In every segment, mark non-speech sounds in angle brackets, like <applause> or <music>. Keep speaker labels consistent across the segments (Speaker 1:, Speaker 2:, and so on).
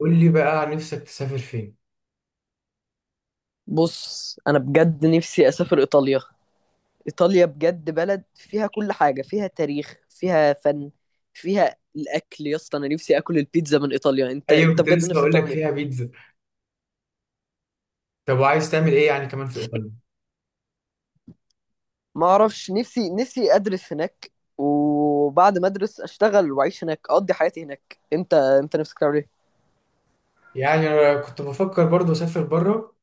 Speaker 1: قول لي بقى عن نفسك، تسافر فين؟
Speaker 2: بص، انا بجد نفسي اسافر ايطاليا. ايطاليا بجد بلد فيها كل حاجه، فيها تاريخ، فيها فن، فيها الاكل يا اسطى. انا نفسي اكل البيتزا من ايطاليا. انت
Speaker 1: ايوه،
Speaker 2: انت
Speaker 1: كنت
Speaker 2: بجد
Speaker 1: لسه
Speaker 2: نفسك
Speaker 1: اقول لك
Speaker 2: تعمل
Speaker 1: فيها
Speaker 2: ايه؟
Speaker 1: بيتزا. طب وعايز تعمل ايه يعني كمان في ايطاليا؟
Speaker 2: ما اعرفش. نفسي ادرس هناك، وبعد ما ادرس اشتغل واعيش هناك، اقضي حياتي هناك. انت نفسك تعمل ايه؟
Speaker 1: يعني انا كنت بفكر برضو اسافر بره.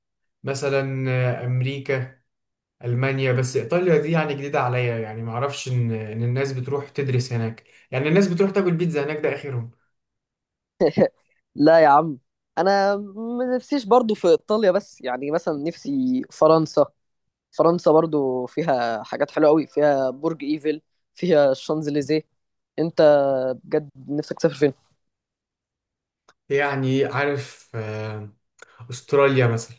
Speaker 1: مثلا، امريكا. المانيا. بس ايطاليا دي يعني جديده عليا، يعني ما اعرفش ان الناس بتروح تدرس هناك. يعني الناس بتروح تاكل بيتزا هناك، ده اخرهم.
Speaker 2: لا يا عم، انا ما نفسيش برضو في ايطاليا، بس يعني مثلا نفسي فرنسا. فرنسا برضو فيها حاجات حلوة قوي، فيها برج ايفل، فيها الشانزليزيه. انت بجد نفسك تسافر فين؟
Speaker 1: يعني عارف، استراليا مثلا.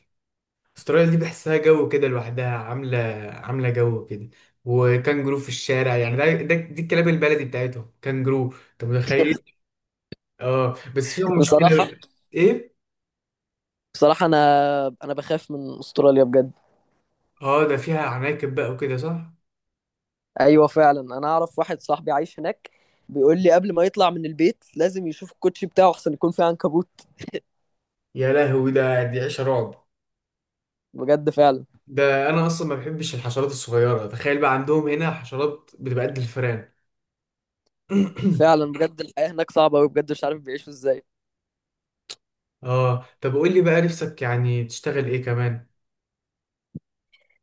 Speaker 1: استراليا دي بحسها جو كده لوحدها، عامله جو كده. وكانجرو في الشارع، يعني ده, ده دي الكلاب البلدي بتاعتهم كانجرو، انت متخيل؟ اه، بس فيها
Speaker 2: <laughs> بصراحة.
Speaker 1: مشكلة. ايه؟
Speaker 2: بصراحة انا بخاف من استراليا بجد.
Speaker 1: اه، ده فيها عناكب بقى وكده، صح؟
Speaker 2: ايوه فعلا، انا اعرف واحد صاحبي عايش هناك، بيقول لي قبل ما يطلع من البيت لازم يشوف الكوتشي بتاعه احسن يكون فيه عنكبوت.
Speaker 1: يا لهوي، ده دي عيشة رعب.
Speaker 2: بجد فعلا.
Speaker 1: ده انا اصلا ما بحبش الحشرات الصغيرة، تخيل بقى عندهم هنا حشرات بتبقى قد الفئران. <clears throat>
Speaker 2: فعلا بجد الحياة هناك صعبة قوي، بجد مش عارف بيعيشوا ازاي.
Speaker 1: اه، طب قول لي بقى، نفسك يعني تشتغل ايه كمان؟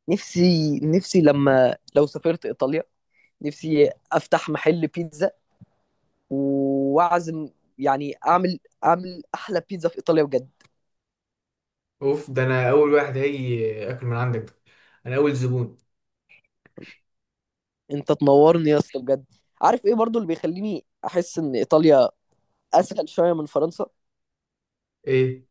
Speaker 2: نفسي لو سافرت ايطاليا، نفسي افتح محل بيتزا، واعزم، يعني اعمل احلى بيتزا في ايطاليا بجد.
Speaker 1: اوف، ده انا اول واحد هيجي اكل من عندك، ده انا اول زبون.
Speaker 2: انت تنورني يا اسطى بجد. عارف ايه برضو اللي بيخليني احس ان ايطاليا اسهل شويه من فرنسا؟
Speaker 1: ايه؟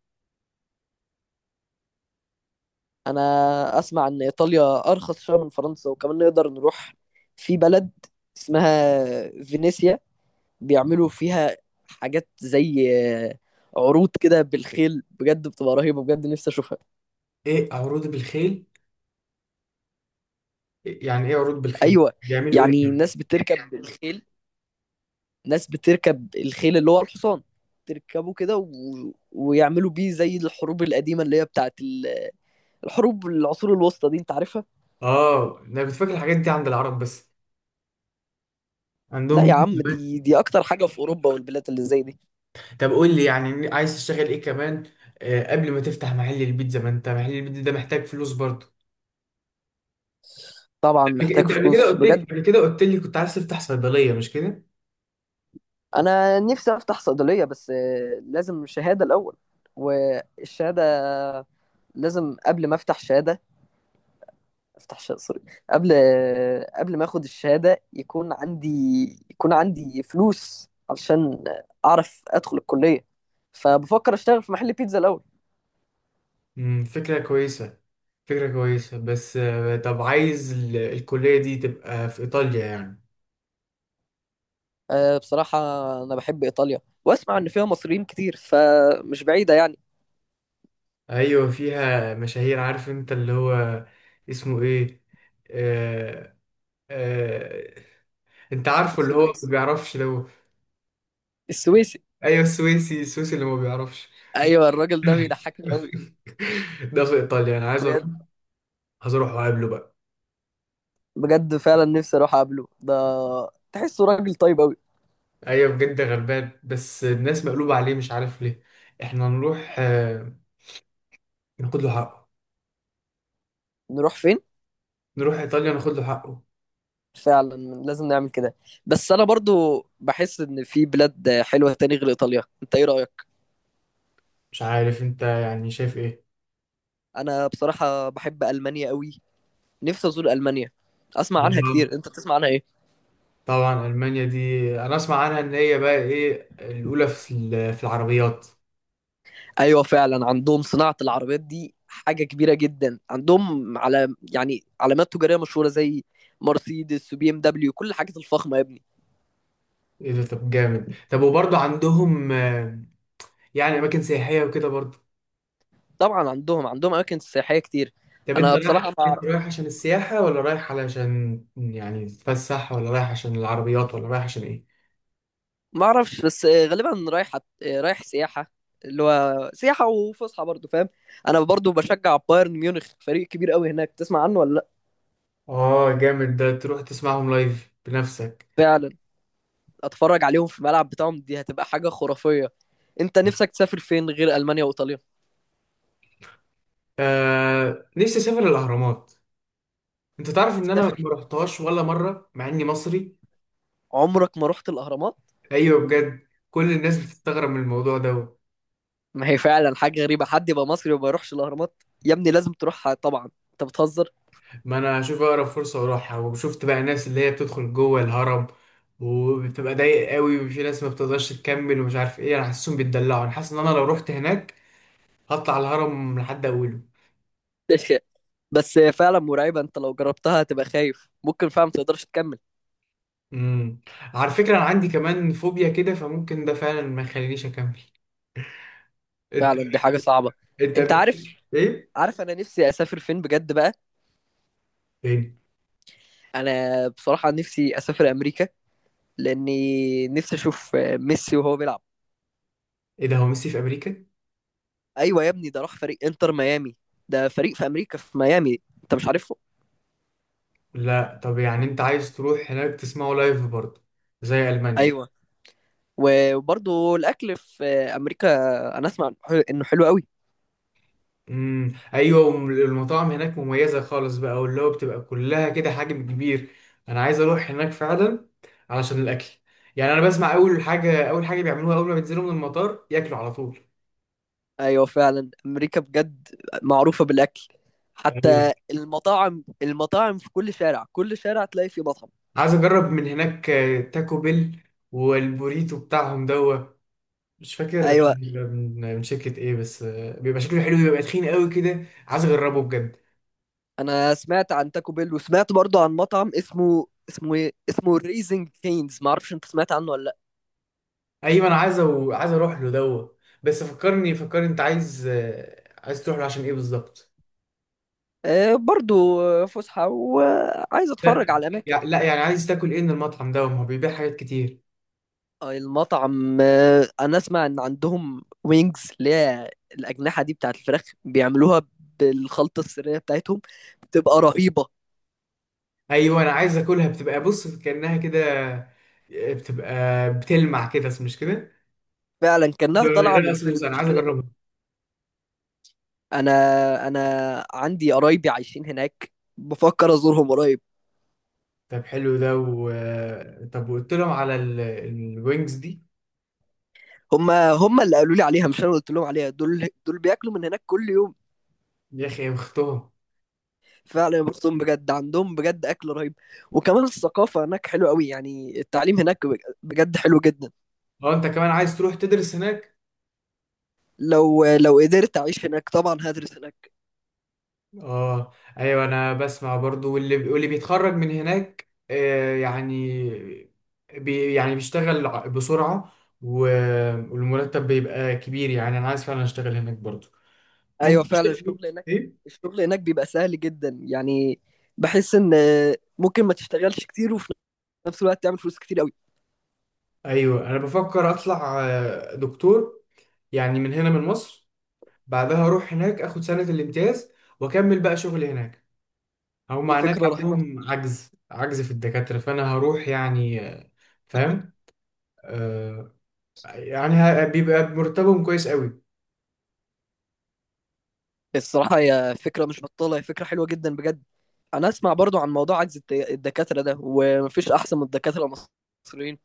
Speaker 2: انا اسمع ان ايطاليا ارخص شويه من فرنسا، وكمان نقدر نروح في بلد اسمها فينيسيا، بيعملوا فيها حاجات زي عروض كده بالخيل، بجد بتبقى رهيبه، بجد نفسي اشوفها.
Speaker 1: ايه عروض بالخيل؟ يعني ايه عروض بالخيل؟
Speaker 2: ايوه،
Speaker 1: بيعملوا
Speaker 2: يعني
Speaker 1: ايه؟
Speaker 2: الناس بتركب بالخيل. ناس بتركب الخيل اللي هو الحصان، تركبه كده ويعملوا بيه زي الحروب القديمة اللي هي بتاعت الحروب العصور الوسطى دي، انت عارفها؟
Speaker 1: اه، انا كنت فاكر الحاجات دي عند العرب بس،
Speaker 2: لا يا
Speaker 1: عندهم.
Speaker 2: عم، دي اكتر حاجة في اوروبا والبلاد اللي زي دي.
Speaker 1: طب قول لي، يعني عايز تشتغل ايه كمان؟ قبل ما تفتح محل البيتزا، ما انت محل البيتزا ده محتاج فلوس برضه.
Speaker 2: طبعا محتاج
Speaker 1: انت قبل كده
Speaker 2: فلوس
Speaker 1: قلت لي،
Speaker 2: بجد.
Speaker 1: كنت عايز تفتح صيدلية، مش كده؟
Speaker 2: انا نفسي افتح صيدلية، بس لازم شهادة الاول. والشهادة لازم قبل ما افتح شهادة افتح شقصري، قبل قبل ما اخد الشهادة يكون عندي فلوس علشان اعرف ادخل الكلية. فبفكر اشتغل في محل بيتزا الاول.
Speaker 1: فكرة كويسة، فكرة كويسة، بس طب عايز الكلية دي تبقى في إيطاليا يعني؟
Speaker 2: أه، بصراحة انا بحب ايطاليا، واسمع ان فيها مصريين كتير، فمش بعيدة يعني.
Speaker 1: أيوة، فيها مشاهير، عارف أنت اللي هو اسمه إيه؟ آه آه أنت عارفه اللي هو ما
Speaker 2: السويس
Speaker 1: بيعرفش، لو...
Speaker 2: السويسي
Speaker 1: أيوة، السويسي، السويسي اللي ما بيعرفش.
Speaker 2: ايوه الراجل ده بيضحكني قوي.
Speaker 1: ده في ايطاليا، انا عايز اروح،
Speaker 2: بجد.
Speaker 1: عايز اروح واقابله بقى.
Speaker 2: بجد فعلا نفسي اروح اقابله ده، تحسه راجل طيب قوي.
Speaker 1: ايوه بجد، غلبان، بس الناس مقلوبه عليه مش عارف ليه. احنا نروح، ناخد له حقه.
Speaker 2: نروح فين؟
Speaker 1: نروح ايطاليا ناخد له حقه.
Speaker 2: فعلا لازم نعمل كده. بس انا برضو بحس ان في بلاد حلوه تاني غير ايطاليا، انت ايه رايك؟
Speaker 1: مش عارف، انت يعني شايف ايه؟
Speaker 2: انا بصراحه بحب المانيا قوي، نفسي ازور المانيا، اسمع عنها
Speaker 1: طبعا.
Speaker 2: كتير. انت بتسمع عنها ايه؟
Speaker 1: المانيا دي انا اسمع عنها ان هي بقى ايه، الاولى في في العربيات.
Speaker 2: ايوه فعلا، عندهم صناعه العربيات دي حاجه كبيره جدا عندهم، على يعني علامات تجاريه مشهوره زي مرسيدس وبي ام دبليو، كل الحاجات الفخمه يا ابني.
Speaker 1: ايه ده؟ طب جامد. طب وبرضه عندهم يعني اماكن سياحيه وكده برضه؟
Speaker 2: طبعا عندهم اماكن سياحيه كتير.
Speaker 1: طب
Speaker 2: انا بصراحه
Speaker 1: انت رايح عشان السياحة، ولا رايح علشان يعني تتفسح، ولا رايح عشان العربيات، ولا رايح عشان ايه؟
Speaker 2: ما اعرفش، بس غالبا رايح رايح سياحه، اللي هو سياحه وفسحه برضه، فاهم؟ انا برضه بشجع بايرن ميونخ، فريق كبير قوي هناك، تسمع عنه ولا لا؟
Speaker 1: اه جامد، ده تروح تسمعهم لايف بنفسك.
Speaker 2: فعلا، اتفرج عليهم في الملعب بتاعهم دي هتبقى حاجه خرافيه. انت نفسك تسافر فين غير المانيا وايطاليا؟
Speaker 1: نفسي اسافر الاهرامات. انت تعرف ان انا
Speaker 2: تسافر،
Speaker 1: ما رحتهاش ولا مرة، مع اني مصري؟
Speaker 2: عمرك ما رحت الاهرامات؟
Speaker 1: ايوه بجد، كل الناس بتستغرب من الموضوع ده.
Speaker 2: ما هي فعلا حاجه غريبه حد يبقى مصري وما يروحش الاهرامات. يا ابني لازم تروحها طبعا، انت بتهزر.
Speaker 1: ما انا اشوف اقرب فرصة واروحها. وشفت بقى ناس اللي هي بتدخل جوه الهرم، وبتبقى ضايق قوي، وفي ناس ما بتقدرش تكمل ومش عارف ايه. انا حاسسهم بيتدلعوا، انا حاسس ان انا لو رحت هناك هطلع الهرم لحد اوله.
Speaker 2: <laughs> بس هي فعلا مرعبه، انت لو جربتها هتبقى خايف، ممكن فعلا ما تقدرش تكمل.
Speaker 1: امم. على فكرة، انا عندي كمان فوبيا كده، فممكن ده فعلا ما يخلينيش اكمل. انت
Speaker 2: فعلا دي حاجه صعبه.
Speaker 1: انت
Speaker 2: انت عارف،
Speaker 1: ايه؟
Speaker 2: عارف انا نفسي اسافر فين بجد بقى؟
Speaker 1: فين؟
Speaker 2: انا بصراحة نفسي اسافر امريكا، لاني نفسي اشوف ميسي وهو بيلعب.
Speaker 1: ايه ده؟ هو ميسي في امريكا؟
Speaker 2: ايوه يا ابني، ده راح فريق انتر ميامي، ده فريق في امريكا في ميامي، انت مش عارفه؟
Speaker 1: لا، طب يعني انت عايز تروح هناك تسمعه لايف برضه زي المانيا؟
Speaker 2: ايوه. وبرضه الاكل في امريكا، انا اسمع انه حلو قوي.
Speaker 1: امم، ايوه، المطاعم هناك مميزة خالص بقى، واللي هو بتبقى كلها كده حجم كبير. انا عايز اروح هناك فعلا، علشان الاكل. يعني انا بسمع، اول حاجة اول حاجة بيعملوها اول ما بينزلوا من المطار، ياكلوا على طول.
Speaker 2: ايوه فعلا امريكا بجد معروفة بالاكل، حتى
Speaker 1: أيوة.
Speaker 2: المطاعم. المطاعم في كل شارع، كل شارع تلاقي فيه مطعم.
Speaker 1: عايز اجرب من هناك تاكو بيل، والبوريتو بتاعهم دوا. مش فاكر
Speaker 2: ايوه
Speaker 1: بيبقى من شركة ايه، بس بيبقى شكله حلو، بيبقى تخين قوي كده، عايز اجربه بجد.
Speaker 2: انا سمعت عن تاكو بيل، وسمعت برضو عن مطعم اسمه ايه، اسمه ريزنج كينز، ما اعرفش انت سمعت عنه ولا لا.
Speaker 1: ايوه، انا عايز عايز اروح له دوا. بس فكرني فكرني، انت عايز تروح له عشان ايه بالظبط؟
Speaker 2: آه برضو، فسحه وعايز
Speaker 1: لا.
Speaker 2: اتفرج على اماكن.
Speaker 1: لا يعني عايز تاكل ايه من المطعم ده؟ ما هو بيبيع حاجات كتير.
Speaker 2: آه، المطعم، انا اسمع ان عندهم وينجز، اللي هي الاجنحه دي بتاعت الفراخ، بيعملوها بالخلطه السريه بتاعتهم، بتبقى رهيبه.
Speaker 1: ايوه، انا عايز اكلها، بتبقى بص كأنها كده، بتبقى بتلمع كده، مش كده؟
Speaker 2: فعلا
Speaker 1: ده
Speaker 2: كانها طالعه من
Speaker 1: رقص صوص،
Speaker 2: الفيلم،
Speaker 1: انا
Speaker 2: مش
Speaker 1: عايز
Speaker 2: كده؟
Speaker 1: اجربها.
Speaker 2: انا انا عندي قرايبي عايشين هناك، بفكر ازورهم قريب.
Speaker 1: طب حلو ده. طب وقلت لهم على الوينجز دي؟
Speaker 2: هم اللي قالوا لي عليها، مش انا اللي قلت لهم عليها. دول بياكلوا من هناك كل يوم.
Speaker 1: يا اخي، اختهم!
Speaker 2: فعلا يا بختهم بجد، عندهم بجد اكل رهيب، وكمان الثقافه هناك حلوه قوي، يعني التعليم هناك بجد حلو جدا.
Speaker 1: اه، انت كمان عايز تروح تدرس هناك؟
Speaker 2: لو قدرت اعيش هناك طبعا هدرس هناك.
Speaker 1: اه. ايوه، انا بسمع برضو، واللي بيتخرج من هناك يعني يعني بيشتغل بسرعة. و... والمرتب بيبقى كبير، يعني انا عايز فعلا اشتغل هناك برضو.
Speaker 2: ايوه
Speaker 1: ممكن
Speaker 2: فعلا
Speaker 1: اشتغل
Speaker 2: الشغل هناك.
Speaker 1: ايه.
Speaker 2: الشغل هناك بيبقى سهل جدا، يعني بحس ان ممكن ما تشتغلش كتير وفي نفس الوقت تعمل فلوس كتير قوي.
Speaker 1: ايوه، انا بفكر اطلع دكتور، يعني من هنا من مصر. بعدها اروح هناك اخد سنة الامتياز، واكمل بقى شغلي هناك. هم
Speaker 2: دي
Speaker 1: هناك
Speaker 2: فكره رهيبه.
Speaker 1: عندهم عجز في الدكاترة، فأنا هروح يعني. فاهم. آه. يعني بيبقى مرتبهم كويس قوي.
Speaker 2: الصراحة هي فكرة مش بطالة، هي فكرة حلوة جدا بجد. أنا أسمع برضو عن موضوع عجز الدكاترة ده، ومفيش أحسن من الدكاترة المصريين.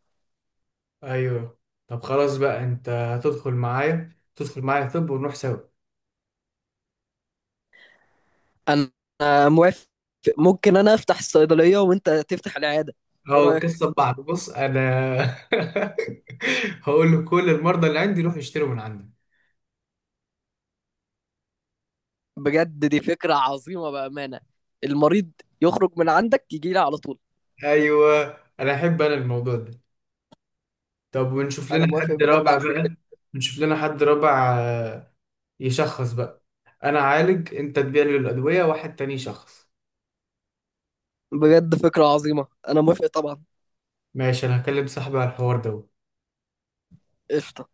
Speaker 1: أيوه. طب خلاص بقى، أنت هتدخل معايا، تدخل معايا، طب ونروح سوا؟
Speaker 2: أنا موافق، ممكن أنا أفتح الصيدلية وأنت تفتح العيادة. إيه
Speaker 1: هو
Speaker 2: رأيك؟
Speaker 1: القصة ببعض، بص أنا <laughs> هقول له كل المرضى اللي عندي روح يشتروا من عندي.
Speaker 2: بجد دي فكرة عظيمة بأمانة. المريض يخرج من عندك يجي لي على طول.
Speaker 1: أيوه، أنا أحب أنا الموضوع ده. طب ونشوف
Speaker 2: أنا
Speaker 1: لنا
Speaker 2: موافق
Speaker 1: حد
Speaker 2: بجد على
Speaker 1: رابع
Speaker 2: الفكرة.
Speaker 1: بقى. نشوف لنا حد رابع، يشخص بقى. انا اعالج، انت تبيع لي الادويه، واحد تاني يشخص.
Speaker 2: بجد فكرة عظيمة، أنا موافق طبعا.
Speaker 1: ماشي، انا هكلم صاحبي على الحوار ده.
Speaker 2: قشطة.